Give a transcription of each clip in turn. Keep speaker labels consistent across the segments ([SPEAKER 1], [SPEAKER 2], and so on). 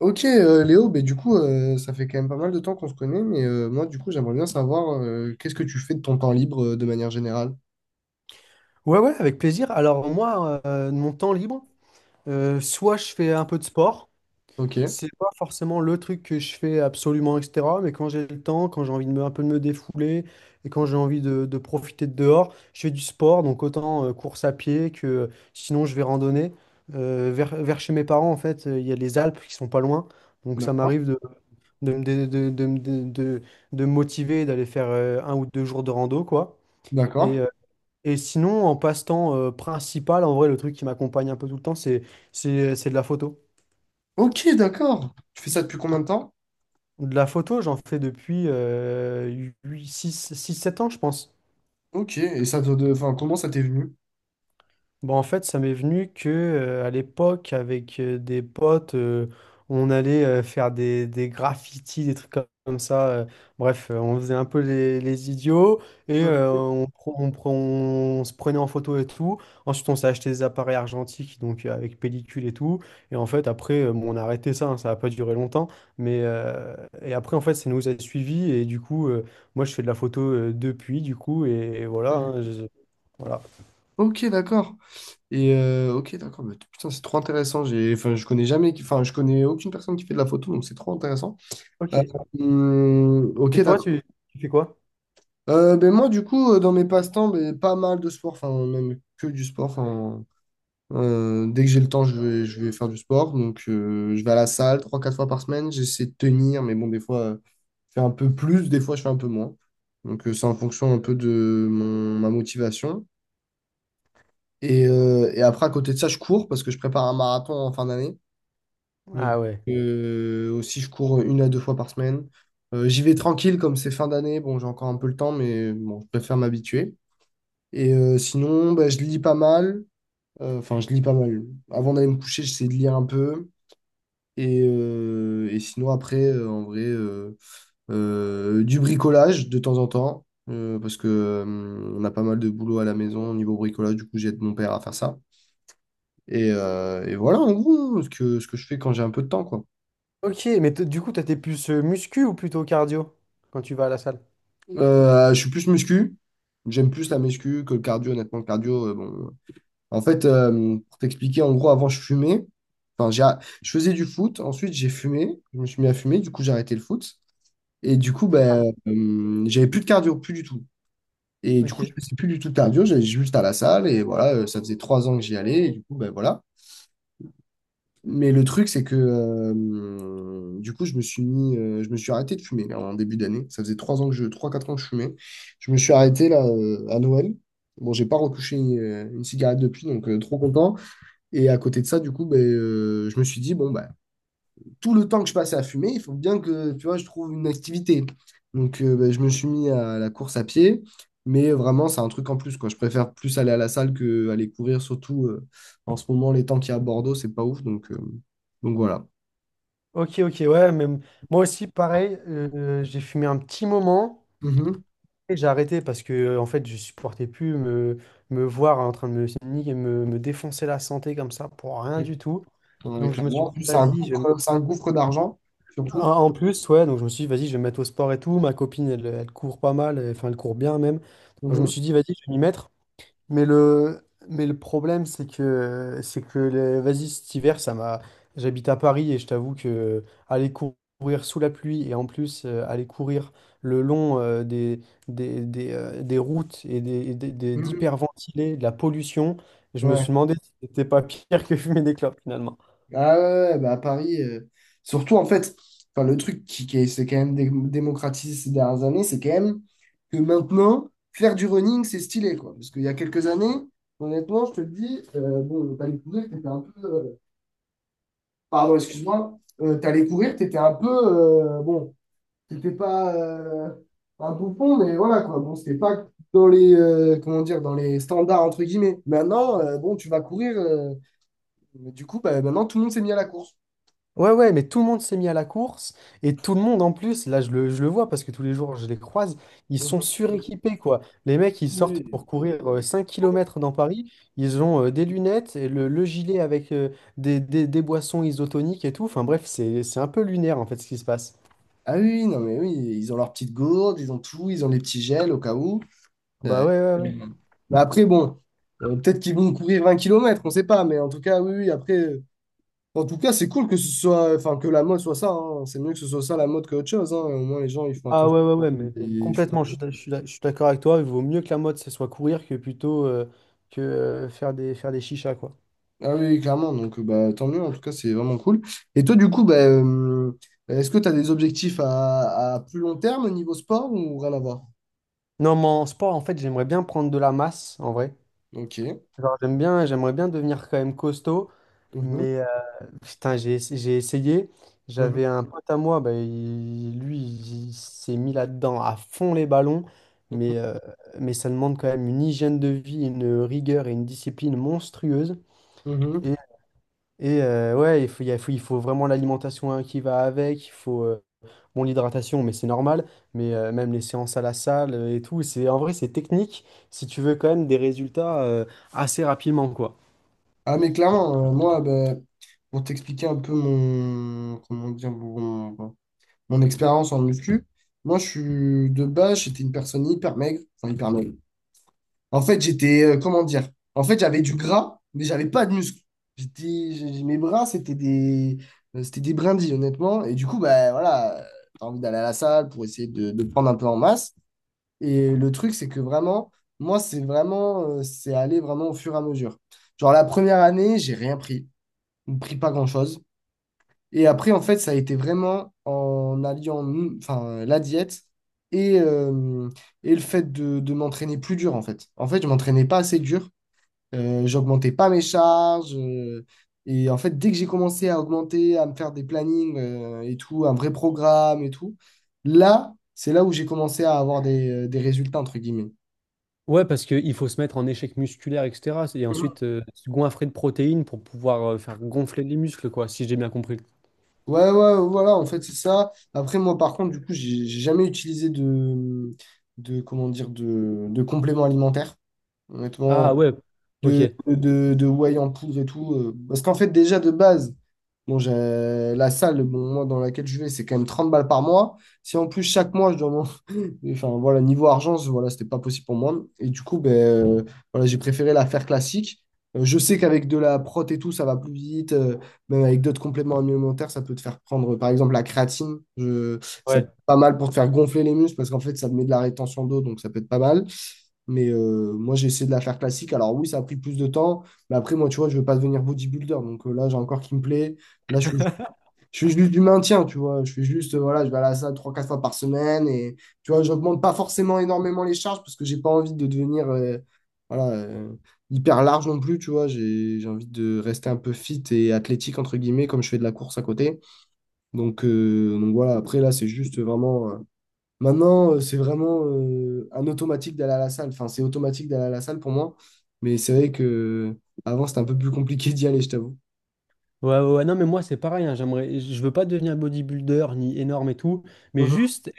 [SPEAKER 1] Ok, Léo, ben du coup, ça fait quand même pas mal de temps qu'on se connaît, mais moi, du coup, j'aimerais bien savoir qu'est-ce que tu fais de ton temps libre de manière générale.
[SPEAKER 2] Ouais, ouais, avec plaisir. Alors moi, de mon temps libre, soit je fais un peu de sport.
[SPEAKER 1] Ok,
[SPEAKER 2] C'est pas forcément le truc que je fais absolument, etc. Mais quand j'ai le temps, quand j'ai envie de me, un peu de me défouler et quand j'ai envie de profiter de dehors, je fais du sport, donc autant course à pied que sinon je vais randonner. Vers chez mes parents, en fait, il y a les Alpes qui sont pas loin, donc ça
[SPEAKER 1] d'accord,
[SPEAKER 2] m'arrive de, me dé- de me motiver et d'aller faire un ou deux jours de rando, quoi. Et,
[SPEAKER 1] d'accord.
[SPEAKER 2] euh, et sinon, en passe-temps principal, en vrai, le truc qui m'accompagne un peu tout le temps, c'est de la photo.
[SPEAKER 1] Ok, d'accord. Tu fais ça depuis combien de temps?
[SPEAKER 2] De la photo, j'en fais depuis six sept ans, je pense.
[SPEAKER 1] Ok, et enfin, comment ça t'est venu?
[SPEAKER 2] Bon, en fait, ça m'est venu que à l'époque, avec des potes, on allait faire des graffitis, des trucs comme ça. On faisait un peu les idiots et
[SPEAKER 1] Mhm.
[SPEAKER 2] on se prenait en photo et tout. Ensuite, on s'est acheté des appareils argentiques, donc avec pellicule et tout. Et en fait, après, bon, on a arrêté ça, hein, ça n'a pas duré longtemps. Mais, euh, et après, en fait, ça nous a suivis. Et du coup, moi, je fais de la photo depuis, du coup, et voilà. Hein,
[SPEAKER 1] Mhm.
[SPEAKER 2] voilà.
[SPEAKER 1] Ok, d'accord. Et ok, d'accord, mais putain, c'est trop intéressant. Enfin, je connais jamais, enfin, je connais aucune personne qui fait de la photo, donc c'est trop intéressant.
[SPEAKER 2] Ok.
[SPEAKER 1] Euh, hum, ok,
[SPEAKER 2] Et toi,
[SPEAKER 1] d'accord.
[SPEAKER 2] tu fais quoi?
[SPEAKER 1] Ben moi, du coup, dans mes passe-temps, ben, pas mal de sport, enfin, même que du sport. Enfin, dès que j'ai le temps, je vais faire du sport. Donc, je vais à la salle trois quatre fois par semaine. J'essaie de tenir, mais bon, des fois, je fais un peu plus, des fois, je fais un peu moins. Donc, c'est en fonction un peu de ma motivation. Et après, à côté de ça, je cours parce que je prépare un marathon en fin d'année. Donc,
[SPEAKER 2] Ah ouais.
[SPEAKER 1] aussi, je cours une à deux fois par semaine. J'y vais tranquille, comme c'est fin d'année. Bon, j'ai encore un peu le temps, mais bon, je préfère m'habituer. Et sinon, bah, je lis pas mal. Enfin, je lis pas mal. Avant d'aller me coucher, j'essaie de lire un peu. Et sinon, après, en vrai, du bricolage de temps en temps. Parce que, on a pas mal de boulot à la maison au niveau bricolage. Du coup, j'aide mon père à faire ça. Et voilà, en gros, ce que je fais quand j'ai un peu de temps, quoi.
[SPEAKER 2] Ok, mais du coup, toi, t'es plus muscu ou plutôt cardio quand tu vas à la salle?
[SPEAKER 1] Je suis plus muscu. J'aime plus la muscu que le cardio. Honnêtement, le cardio, bon. En fait, pour t'expliquer, en gros, avant, je fumais. Enfin, je faisais du foot. Ensuite, j'ai fumé. Je me suis mis à fumer. Du coup, j'ai arrêté le foot. Et du coup, ben, j'avais plus de cardio, plus du tout. Et du coup,
[SPEAKER 2] Ok,
[SPEAKER 1] je faisais plus du tout de cardio. J'allais juste à la salle. Et voilà, ça faisait 3 ans que j'y allais. Et du coup, ben voilà. Mais le truc, c'est que du coup, je me suis arrêté de fumer là, en début d'année. Ça faisait 3, 4 ans que je fumais. Je me suis arrêté là à Noël. Bon, j'ai pas retouché une cigarette depuis, donc trop content. Et à côté de ça, du coup, ben, je me suis dit, bon, ben, tout le temps que je passais à fumer, il faut bien que, tu vois, je trouve une activité. Donc, ben, je me suis mis à la course à pied, mais vraiment, c'est un truc en plus, quoi. Je préfère plus aller à la salle que aller courir, surtout en ce moment, les temps qu'il y a à Bordeaux, c'est pas ouf. Donc voilà.
[SPEAKER 2] ok, ok, ouais, même moi aussi, pareil, j'ai fumé un petit moment
[SPEAKER 1] Mhm.
[SPEAKER 2] et j'ai arrêté parce que, en fait, je supportais plus me voir en train de me défoncer la santé comme ça pour rien du tout. Donc,
[SPEAKER 1] Avec la
[SPEAKER 2] je me suis
[SPEAKER 1] mort,
[SPEAKER 2] dit, vas-y,
[SPEAKER 1] c'est un gouffre d'argent,
[SPEAKER 2] en
[SPEAKER 1] surtout.
[SPEAKER 2] en plus, ouais, donc je me suis dit, vas-y, je vais me mettre au sport et tout. Ma copine, elle, elle court pas mal, enfin, elle court bien même. Donc, je me
[SPEAKER 1] Mhm.
[SPEAKER 2] suis dit, vas-y, je vais m'y mettre. Mais mais le problème, c'est que cet hiver, ça m'a. J'habite à Paris et je t'avoue que courir sous la pluie et en plus aller courir le long des routes et
[SPEAKER 1] Mhm.
[SPEAKER 2] d'hyperventilés, de la pollution, je me suis
[SPEAKER 1] Ouais.
[SPEAKER 2] demandé si c'était pas pire que fumer des clopes finalement.
[SPEAKER 1] Ah ouais, ouais, bah à Paris, surtout en fait, enfin le truc qui s'est quand même démocratisé ces dernières années, c'est quand même que maintenant, faire du running, c'est stylé, quoi. Parce qu'il y a quelques années, honnêtement, je te le dis, bon, t'allais courir, t'étais un peu. Pardon, excuse-moi. T'allais courir, t'étais un peu. Bon, t'étais pas un bouffon, mais voilà, quoi. Bon, c'était pas dans comment dire, dans les standards, entre guillemets. Maintenant, bon, tu vas courir. Mais du coup, bah, maintenant, tout le monde s'est mis à la course.
[SPEAKER 2] Ouais, ouais, mais tout le monde s'est mis à la course et tout le monde en plus, là je le vois parce que tous les jours je les croise, ils sont suréquipés quoi. Les mecs ils sortent pour
[SPEAKER 1] Mhm.
[SPEAKER 2] courir 5 km dans Paris, ils ont des lunettes, et le gilet avec des boissons isotoniques et tout. Enfin bref, c'est un peu lunaire en fait ce qui se passe.
[SPEAKER 1] Ah oui, oui, non, mais oui, ils ont leur petite gourde, ils ont tout, ils ont les petits gels au cas où. Euh,
[SPEAKER 2] Bah ouais, ouais, ouais.
[SPEAKER 1] Mhm. Mais après, bon, peut-être qu'ils vont courir 20 kilomètres, on ne sait pas, mais en tout cas, oui, oui, après, en tout cas, c'est cool que ce soit, enfin, que la mode soit ça, hein. C'est mieux que ce soit ça la mode que autre chose, hein. Au moins, les gens, ils font
[SPEAKER 2] Ah
[SPEAKER 1] attention.
[SPEAKER 2] ouais, ouais, ouais, mais
[SPEAKER 1] Ils font
[SPEAKER 2] complètement, je suis d'accord avec toi, il vaut mieux que la mode ce soit courir que plutôt faire des chichas quoi.
[SPEAKER 1] Ah oui, clairement, donc bah, tant mieux, en tout cas, c'est vraiment cool. Et toi, du coup, bah, est-ce que tu as des objectifs à plus long terme au niveau sport ou rien à voir?
[SPEAKER 2] Non, mais en sport en fait j'aimerais bien prendre de la masse en vrai.
[SPEAKER 1] Ok.
[SPEAKER 2] Genre, j'aime bien, j'aimerais bien devenir quand même costaud,
[SPEAKER 1] Mhm.
[SPEAKER 2] mais putain, j'ai essayé.
[SPEAKER 1] Mhm.
[SPEAKER 2] J'avais un pote à moi, bah, il s'est mis là-dedans à fond les ballons, mais, euh, mais ça demande quand même une hygiène de vie, une rigueur et une discipline monstrueuse.
[SPEAKER 1] Mhm. Mhm.
[SPEAKER 2] Et, ouais, il faut, il y a- faut- il faut vraiment l'alimentation hein, qui va avec, il faut bon, l'hydratation, mais c'est normal, mais même les séances à la salle et tout, c'est, en vrai, c'est technique si tu veux quand même des résultats assez rapidement, quoi.
[SPEAKER 1] Ah mais clairement, moi, ben, pour t'expliquer un peu comment dire, mon expérience en muscu, moi je suis de base, j'étais une personne hyper maigre, enfin hyper maigre. En fait, comment dire, en fait j'avais du gras, mais j'avais pas de muscles. Mes bras, c'était des brindilles, honnêtement. Et du coup, ben voilà, t'as envie d'aller à la salle pour essayer de prendre un peu en masse. Et le truc, c'est que vraiment, moi, c'est aller vraiment au fur et à mesure. Genre la première année, j'ai rien pris, on ne prit pas grand-chose. Et après, en fait, ça a été vraiment en alliant enfin, la diète et, euh, et le fait de m'entraîner plus dur, en fait. En fait, je m'entraînais pas assez dur, j'augmentais pas mes charges. Et en fait, dès que j'ai commencé à augmenter, à me faire des plannings et tout, un vrai programme et tout, là, c'est là où j'ai commencé à avoir des résultats, entre guillemets.
[SPEAKER 2] Ouais, parce qu'il faut se mettre en échec musculaire, etc. Et ensuite, se goinfrer de protéines pour pouvoir faire gonfler les muscles, quoi, si j'ai bien compris.
[SPEAKER 1] Ouais, ouais, voilà, en fait, c'est ça. Après, moi, par contre, du coup, j'ai jamais utilisé comment dire, de complément alimentaire, honnêtement,
[SPEAKER 2] Ah ouais, ok.
[SPEAKER 1] de whey en poudre et tout. Parce qu'en fait, déjà, de base, bon, j'ai la salle, bon, moi, dans laquelle je vais, c'est quand même 30 balles par mois. Si en plus, chaque mois, je dois et Enfin, voilà, niveau argent, voilà, c'était pas possible pour moi. Et du coup, ben, voilà, j'ai préféré la faire classique. Je sais qu'avec de la prot et tout, ça va plus vite. Même avec d'autres compléments alimentaires, ça peut te faire prendre, par exemple, la créatine. Ça peut
[SPEAKER 2] Ouais.
[SPEAKER 1] être pas mal pour te faire gonfler les muscles parce qu'en fait, ça te met de la rétention d'eau, donc ça peut être pas mal. Mais moi, j'ai essayé de la faire classique. Alors oui, ça a pris plus de temps. Mais après, moi, tu vois, je veux pas devenir bodybuilder. Donc là, j'ai un corps qui me plaît. Là, je fais juste du maintien, tu vois. Je fais juste, voilà, je vais à la salle trois quatre fois par semaine. Et tu vois, j'augmente pas forcément énormément les charges parce que j'ai pas envie de devenir voilà, hyper large non plus, tu vois. J'ai envie de rester un peu fit et athlétique, entre guillemets, comme je fais de la course à côté. Donc voilà, après là, c'est juste vraiment. Maintenant, c'est vraiment un automatique d'aller à la salle. Enfin, c'est automatique d'aller à la salle pour moi. Mais c'est vrai que avant, c'était un peu plus compliqué d'y aller, je t'avoue.
[SPEAKER 2] Ouais, ouais, ouais. Non, mais moi, c'est pareil. Hein, j'aimerais, je veux pas devenir bodybuilder ni énorme et tout, mais juste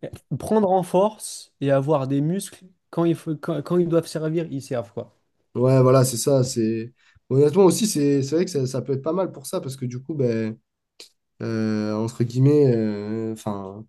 [SPEAKER 2] prendre en force et avoir des muscles quand il faut, quand, quand ils doivent servir, ils servent, quoi.
[SPEAKER 1] Ouais, voilà, c'est ça. Honnêtement aussi, c'est vrai que ça peut être pas mal pour ça, parce que du coup, ben, entre guillemets, enfin,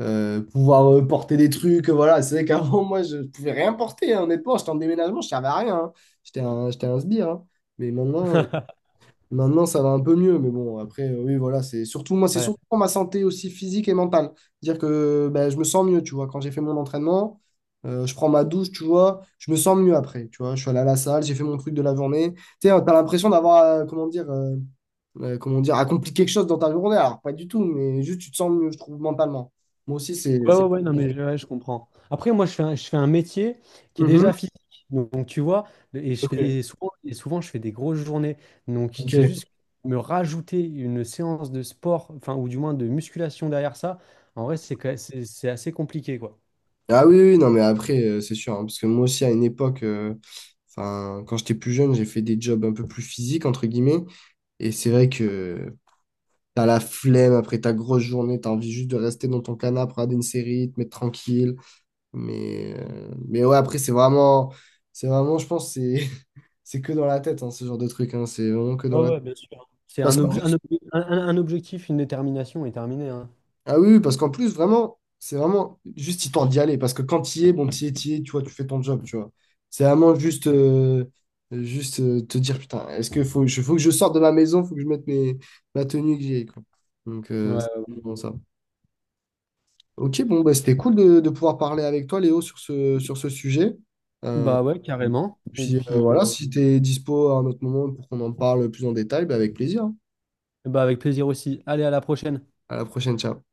[SPEAKER 1] pouvoir porter des trucs, voilà. C'est vrai qu'avant, moi, je pouvais rien porter, hein, honnêtement. J'étais en déménagement, je servais à rien, hein. J'étais un sbire, hein. Mais maintenant, Maintenant, ça va un peu mieux, mais bon, après, oui, voilà, c'est surtout moi, c'est
[SPEAKER 2] Ouais.
[SPEAKER 1] surtout pour ma santé aussi physique et mentale. Dire que ben, je me sens mieux, tu vois, quand j'ai fait mon entraînement, je prends ma douche, tu vois, je me sens mieux après, tu vois, je suis allé à la salle, j'ai fait mon truc de la journée. Tu sais, t'as l'impression d'avoir, comment dire, accompli quelque chose dans ta journée, alors pas du tout, mais juste tu te sens mieux, je trouve, mentalement. Moi aussi.
[SPEAKER 2] Ouais, ouais, ouais, non, mais ouais, je comprends. Après, moi, je fais un métier qui est
[SPEAKER 1] Mhm.
[SPEAKER 2] déjà physique. Donc, tu vois, et, je
[SPEAKER 1] Ok,
[SPEAKER 2] fais, et, souvent, et souvent, je fais des grosses journées. Donc, c'est
[SPEAKER 1] ok.
[SPEAKER 2] juste me rajouter une séance de sport, enfin, ou du moins de musculation derrière ça, en vrai, c'est assez compliqué, quoi.
[SPEAKER 1] Ah oui, oui, non, mais après, c'est sûr, hein, parce que moi aussi, à une époque, enfin, quand j'étais plus jeune, j'ai fait des jobs un peu plus physiques, entre guillemets, et c'est vrai que t'as la flemme après ta grosse journée, t'as envie juste de rester dans ton canapé, regarder une série, te mettre tranquille, mais ouais, après, c'est vraiment, je pense, c'est c'est que dans la tête, hein, ce genre de truc, hein, c'est vraiment que dans
[SPEAKER 2] Ouais,
[SPEAKER 1] la tête.
[SPEAKER 2] ouais, bien sûr. C'est
[SPEAKER 1] Parce qu'en
[SPEAKER 2] un objectif, une détermination et terminé, hein.
[SPEAKER 1] Ah oui, oui, parce qu'en plus, vraiment, c'est vraiment juste histoire d'y aller. Parce que quand tu y es, bon, tu es, tu vois, tu fais ton job, tu vois. C'est vraiment juste te dire, putain, est-ce que faut, faut que je sorte de ma maison, faut que je mette ma tenue que j'ai, quoi. Donc,
[SPEAKER 2] Ouais.
[SPEAKER 1] c'est bon, ça. Ok, bon, bah, c'était cool de pouvoir parler avec toi, Léo, sur ce sujet.
[SPEAKER 2] Bah ouais, carrément. Et
[SPEAKER 1] Puis
[SPEAKER 2] puis,
[SPEAKER 1] voilà,
[SPEAKER 2] on...
[SPEAKER 1] si tu es dispo à un autre moment pour qu'on en parle plus en détail, bah, avec plaisir, hein.
[SPEAKER 2] Bah, avec plaisir aussi. Allez, à la prochaine.
[SPEAKER 1] À la prochaine, ciao.